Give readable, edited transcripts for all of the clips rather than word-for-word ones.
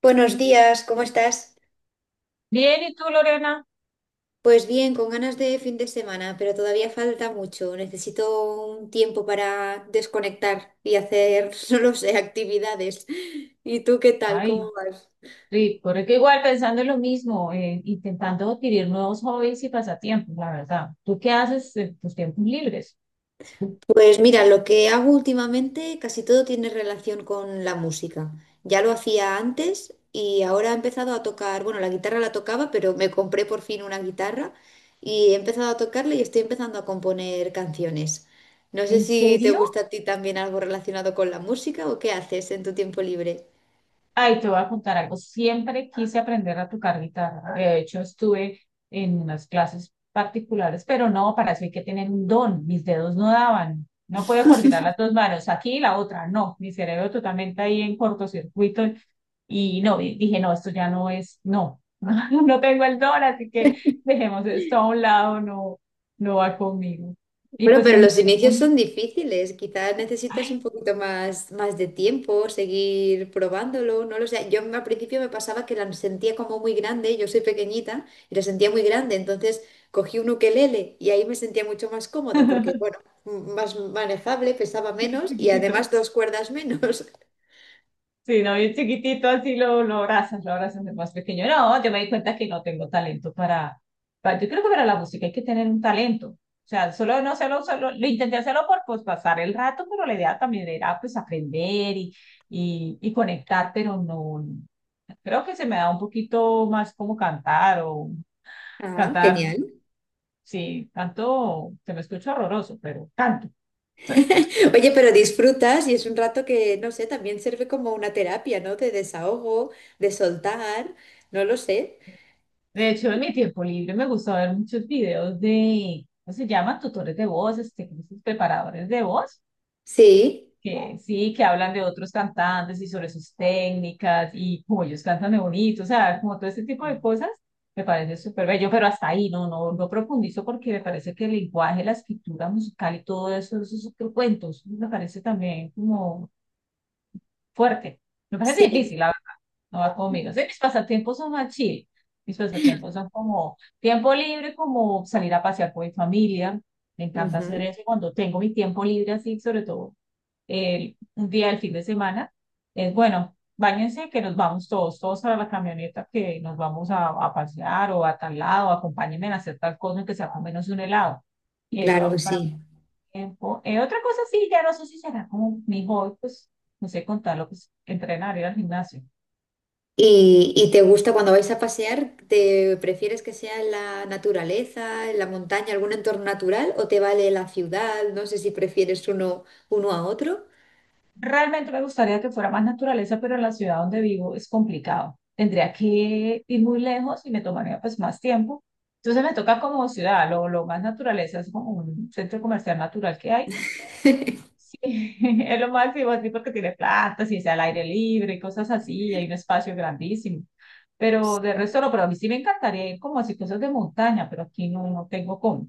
Buenos días, ¿cómo estás? Bien, ¿y tú, Lorena? Pues bien, con ganas de fin de semana, pero todavía falta mucho. Necesito un tiempo para desconectar y hacer, no lo sé, actividades. ¿Y tú qué tal? ¿Cómo Ay, vas? rico, que igual pensando en lo mismo, intentando adquirir nuevos hobbies y pasatiempos, la verdad. ¿Tú qué haces en tus tiempos libres? Pues mira, lo que hago últimamente casi todo tiene relación con la música. Ya lo hacía antes y ahora he empezado a tocar, bueno, la guitarra la tocaba, pero me compré por fin una guitarra y he empezado a tocarla y estoy empezando a componer canciones. No sé ¿En si te serio? gusta a ti también algo relacionado con la música o qué haces en tu tiempo libre. Ay, te voy a contar algo. Siempre quise aprender a tocar guitarra. De hecho, estuve en unas clases particulares, pero no, para eso hay que tener un don. Mis dedos no daban. No puedo coordinar las dos manos, aquí y la otra, no. Mi cerebro totalmente ahí en cortocircuito. Y no, y dije, no, esto ya no es, no, no tengo el don, así que dejemos esto a un lado, no, no va conmigo. Y Bueno, pues pero en mi los tiempo, inicios son difíciles. Quizás necesitas un ay, poquito más de tiempo, seguir probándolo, no lo sé. Yo al principio me pasaba que la sentía como muy grande, yo soy pequeñita y la sentía muy grande, entonces cogí un ukelele y ahí me sentía mucho más cómoda porque, bueno, más manejable, pesaba menos y además dos cuerdas menos. sí, no, bien chiquitito, así lo abrazas de más pequeño. No, yo me di cuenta que no tengo talento para, yo creo que para la música hay que tener un talento. O sea, solo no solo, solo lo intenté hacerlo por pues, pasar el rato, pero la idea también era pues aprender y conectar, pero no. Creo que se me da un poquito más como cantar o Ah, cantar. genial. Sí, canto, se me escucha horroroso, pero canto. Oye, pero disfrutas y es un rato que, no sé, también sirve como una terapia, ¿no? De desahogo, de soltar, no lo sé. De hecho, en mi tiempo libre me gusta ver muchos videos de, ¿cómo se llaman? Tutores de voz, ¿cómo se dice? Preparadores de voz, Sí. que sí, que hablan de otros cantantes y sobre sus técnicas y cómo ellos cantan de bonito, o sea, como todo ese tipo de cosas, me parece súper bello, pero hasta ahí no, no profundizo porque me parece que el lenguaje, la escritura musical y todo eso, esos otros cuentos, me parece también como fuerte. Me parece Sí, difícil, no va conmigo. Sí, mis pasatiempos son más chill. Mis pasatiempos son como tiempo libre, como salir a pasear con mi familia. Me encanta hacer ujú, eso. Y cuando tengo mi tiempo libre, así, sobre todo el, un día del fin de semana, es bueno, báñense que nos vamos todos, todos para la camioneta, que nos vamos a pasear o a tal lado, acompáñenme a hacer tal cosa, que sea con menos un helado. Y eso claro que hago para sí. mi tiempo. Otra cosa, sí, ya no sé si será como mi hobby, pues no sé contarlo, pues entrenar, ir al gimnasio. ¿Y te gusta cuando vais a pasear? ¿Te prefieres que sea en la naturaleza, en la montaña, algún entorno natural o te vale la ciudad? No sé si prefieres uno a otro. Realmente me gustaría que fuera más naturaleza, pero en la ciudad donde vivo es complicado. Tendría que ir muy lejos y me tomaría pues más tiempo. Entonces me toca como ciudad, lo más naturaleza es como un centro comercial natural que hay. Sí, es lo máximo así porque tiene plantas y es al aire libre y cosas así, y hay un espacio grandísimo. Pero de resto no, pero a mí sí me encantaría ir como así cosas de montaña, pero aquí no, no tengo cómo.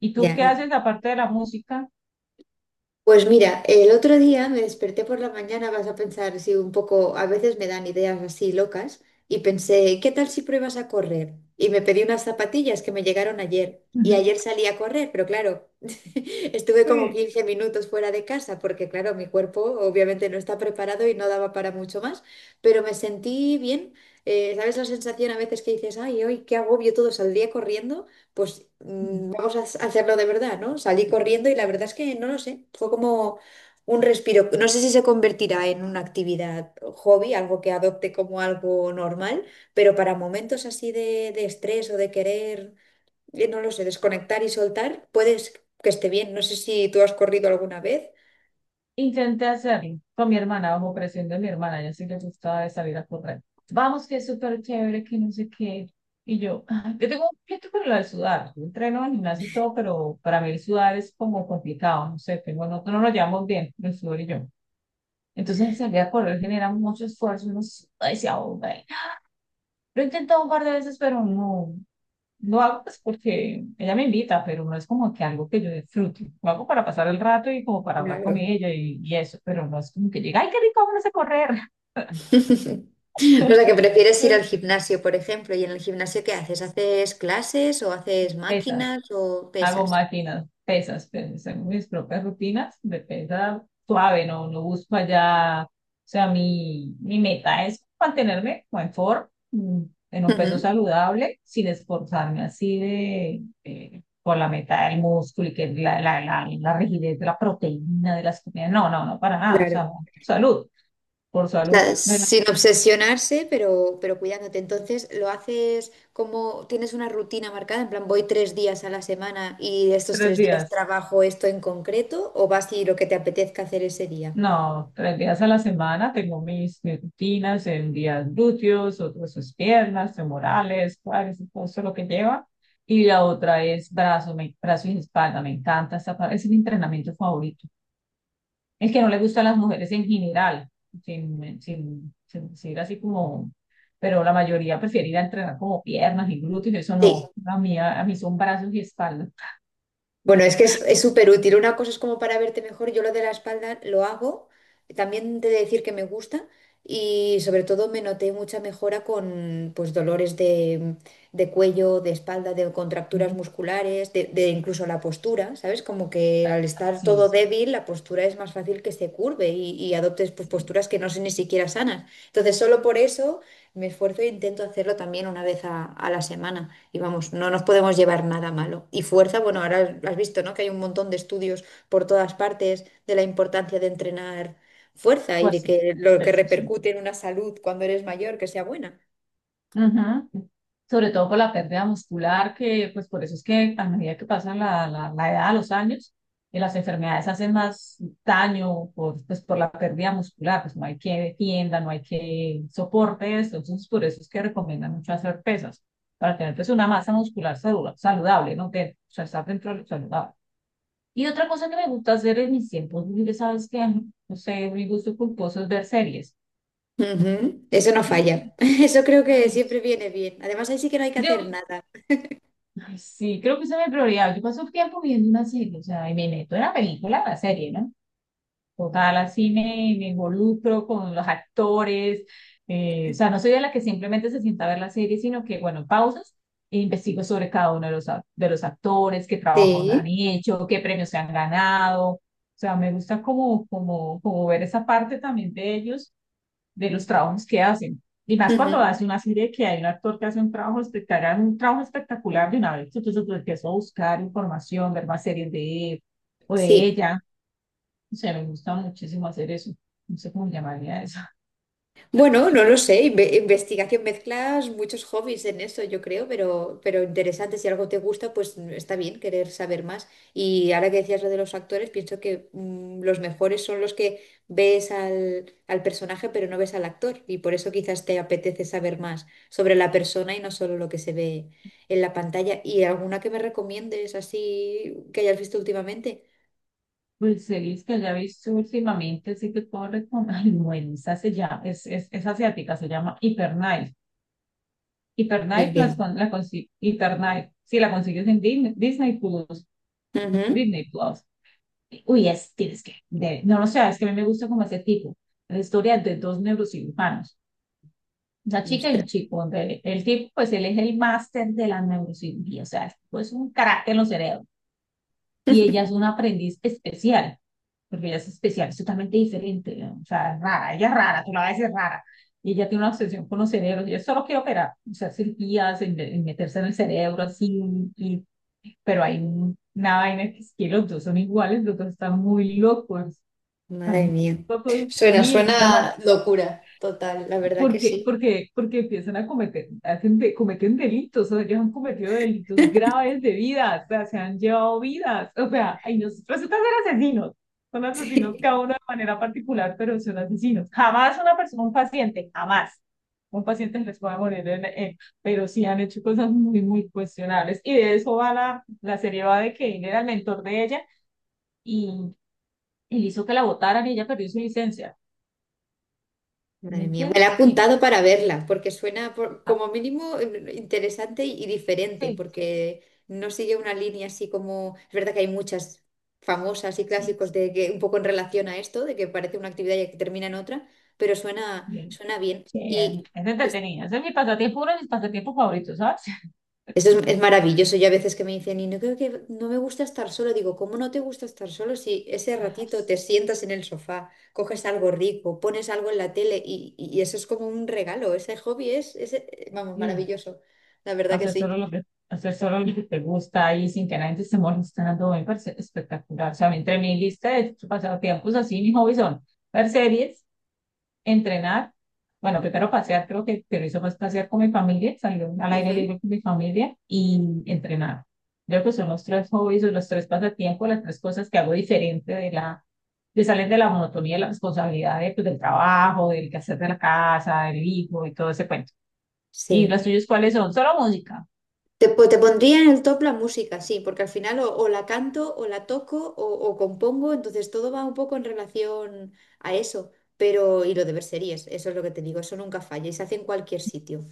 ¿Y tú Ya. qué haces aparte de la música? Pues mira, el otro día me desperté por la mañana, vas a pensar, si un poco, a veces me dan ideas así locas, y pensé, ¿qué tal si pruebas a correr? Y me pedí unas zapatillas que me llegaron ayer, y ayer salí a correr, pero claro, estuve como Sí. 15 minutos fuera de casa, porque claro, mi cuerpo obviamente no está preparado y no daba para mucho más, pero me sentí bien. ¿Sabes la sensación a veces que dices, ay, hoy qué agobio todo, saldría corriendo? Pues vamos a hacerlo de verdad, ¿no? Salí corriendo y la verdad es que no lo sé, fue como un respiro. No sé si se convertirá en una actividad hobby, algo que adopte como algo normal, pero para momentos así de estrés o de querer, no lo sé, desconectar y soltar, puedes que esté bien. No sé si tú has corrido alguna vez. Intenté hacerlo con mi hermana, bajo presión de mi hermana, ella sí le gustaba de salir a correr. Vamos, que es súper chévere, que no sé qué. Y yo, "Ah, yo tengo un pleito con lo de sudar. Yo entreno en gimnasio y todo, pero para mí el sudar es como complicado, no sé, tengo, no, no nos llevamos bien, el sudor y yo. Entonces salir a correr genera mucho esfuerzo, uno suda y se ahoga. Lo he intentado un par de veces, pero no, lo hago pues porque ella me invita, pero no es como que algo que yo disfrute. Lo hago para pasar el rato y como para hablar con Claro. ella y eso, pero no es como que llega, ay, qué rico, vamos a correr. O sea, que prefieres ir Entonces, al gimnasio, por ejemplo, y en el gimnasio ¿qué haces? ¿Haces clases o haces esas. máquinas o Hago pesas? máquinas, pesas, pero según mis propias rutinas de pesa suave, no, no busco allá, o sea, mi meta es mantenerme como en forma, en un peso Ujú. saludable, sin esforzarme así de, por la meta del músculo y que la rigidez de la proteína, de las comidas, no, para nada, o Claro. sea, salud, por salud, Sea, de los sin obsesionarse, pero cuidándote. Entonces, lo haces como tienes una rutina marcada, en plan, voy tres días a la semana y estos tres tres días días. trabajo esto en concreto, o vas y lo que te apetezca hacer ese día. No, tres días a la semana tengo mis rutinas en días glúteos, otros es piernas, femorales, cuádriceps, todo eso lo que lleva. Y la otra es brazo, brazo y espalda. Me encanta esa parte, es mi entrenamiento favorito. El que no le gusta a las mujeres en general, sin decir así como, pero la mayoría prefiere ir a entrenar como piernas y glúteos, eso Sí. no. A mí, mí son brazos y espalda. Bueno, es que es súper útil. Una cosa es como para verte mejor. Yo lo de la espalda lo hago. También de decir que me gusta. Y sobre todo me noté mucha mejora con pues dolores de cuello, de espalda, de contracturas Ujú. musculares, de incluso la postura, ¿sabes? Como que al estar todo Sí, débil, la postura es más fácil que se curve y adoptes pues, sí, posturas que no son ni siquiera sanas. Entonces, solo por eso. Me esfuerzo e intento hacerlo también una vez a la semana. Y vamos, no nos podemos llevar nada malo. Y fuerza, bueno, ahora has visto, ¿no? Que hay un montón de estudios por todas partes de la importancia de entrenar fuerza y de fuerza. que lo que Eso sí. repercute en una salud cuando eres mayor, que sea buena. Ujú. Sobre todo por la pérdida muscular, que pues por eso es que a medida que pasa la edad, los años, las enfermedades hacen más daño por, pues, por la pérdida muscular, pues no hay que defienda, no hay que soporte eso, entonces por eso es que recomiendan mucho hacer pesas, para tener pues una masa muscular saludable, ¿no? Que, o sea, estar dentro de lo saludable. Y otra cosa que me gusta hacer en mis tiempos libres, ¿sabes qué? No sé, mi gusto culposo es ver series. Ujú, eso no falla. Eso creo que Ay, siempre viene bien. Además, ahí sí que no hay que creo hacer nada. ay, sí, creo que esa es mi prioridad. Yo paso tiempo viendo una serie, o sea, y me meto en la película, en la serie, ¿no? Total, así me involucro con los actores. O sea, no soy de la que simplemente se sienta a ver la serie, sino que, bueno, pausas e investigo sobre cada uno de los, de los actores, qué trabajos han Sí. hecho, qué premios se han ganado. O sea, me gusta como ver esa parte también de ellos de los trabajos que hacen. Y más cuando Ujú, hace una serie que hay un actor que hace un trabajo espectacular de una vez, entonces pues, empiezo a buscar información, ver más series de él o de sí. ella. O sea, me gusta muchísimo hacer eso. No sé cómo llamaría eso. Bueno, no lo sé, investigación, mezclas muchos hobbies en eso, yo creo, pero interesante, si algo te gusta, pues está bien querer saber más. Y ahora que decías lo de los actores, pienso que los mejores son los que ves al personaje, pero no ves al actor, y por eso quizás te apetece saber más sobre la persona y no solo lo que se ve en la pantalla. ¿Y alguna que me recomiendes así que hayas visto últimamente? Pues series que haya visto últimamente, sí que puedo recomendar. Ay, bueno, esa se llama, es asiática, se llama Hyperknife. Ni Hyperknife, idea. las, con- la, consi- Hyper Knife, sí, la consigues en Disney Plus. Ujú. Disney Plus. Uy, es, tienes que, no lo sé, es que a mí me gusta como ese tipo, la historia de dos neurocirujanos, una chica y un Ostras. chico, donde el tipo, pues él es el máster de la neurocirugía, o sea, es pues, un carácter en los cerebros, y ella es una aprendiz especial, porque ella es especial, es totalmente diferente, ¿no? O sea, es rara, ella es rara, tú la ves, es rara, y ella tiene una obsesión con los cerebros, ella solo quiere operar, o sea, cirugías, en meterse en el cerebro, así, y- pero hay una vaina que es que los dos son iguales, los dos están muy locos. Madre mía. Tampoco Suena, sí, llama- suena locura, total, la verdad que porque, sí. Porque empiezan a cometer, cometen delitos, o ellos han cometido delitos graves de vidas, o sea, se han llevado vidas, o sea, ahí nos resulta ser asesinos, son asesinos Sí. cada uno de manera particular, pero son asesinos. Jamás una persona, un paciente, jamás. Un paciente les puede morir en- pero sí han hecho cosas muy, muy cuestionables. Y de eso va la serie va de que él era el mentor de ella y él hizo que la votaran y ella perdió su licencia. ¿Me Madre mía, me la he entiendes? apuntado para verla, porque suena Ah, como mínimo interesante y diferente, sí, porque no sigue una línea así como... Es verdad que hay muchas famosas y sí, clásicos de que un poco en relación a esto, de que parece una actividad y que termina en otra, pero suena, sí, suena bien. sí, Y es entretenido. Ese es mi pasatiempo, uno de mis pasatiempos favoritos, ¿sabes? eso es maravilloso. Yo a veces que me dicen, y no creo que no me gusta estar solo, digo, ¿cómo no te gusta estar solo si ese ratito te sientas en el sofá, coges algo rico, pones algo en la tele y eso es como un regalo? Ese hobby es, vamos, Digo, maravilloso. La verdad que hacer sí. solo lo que, hacer solo lo que te gusta y sin que nadie te esté molestando, me parece espectacular. O sea, a mí entre mi lista de pasatiempos así, mis hobbies son ver series, entrenar. Bueno, primero pasear, creo que pero eso más pasear con mi familia, salir al aire Ujú. libre con mi familia y entrenar. Creo que son los tres hobbies o los tres pasatiempos, las tres cosas que hago diferente de la, de salir de la monotonía, de la responsabilidad de, pues, del trabajo, del quehacer de la casa, del hijo y todo ese cuento. ¿Y Sí. los tuyos cuáles son? Solo música. Te pondría en el top la música, sí, porque al final o la canto o la toco o compongo, entonces todo va un poco en relación a eso. Pero, y lo de ver series, eso es lo que te digo, eso nunca falla y se hace en cualquier sitio.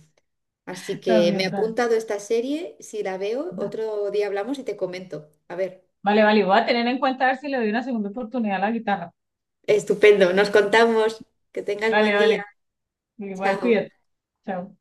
Así que me he También, tal. apuntado esta serie, si la veo, otro día hablamos y te comento. A ver, Vale, vale, voy a tener en cuenta a ver si le doy una segunda oportunidad a la guitarra. estupendo, nos contamos. Que tengas Vale, buen día. vale, igual Chao. cuídate. Chao.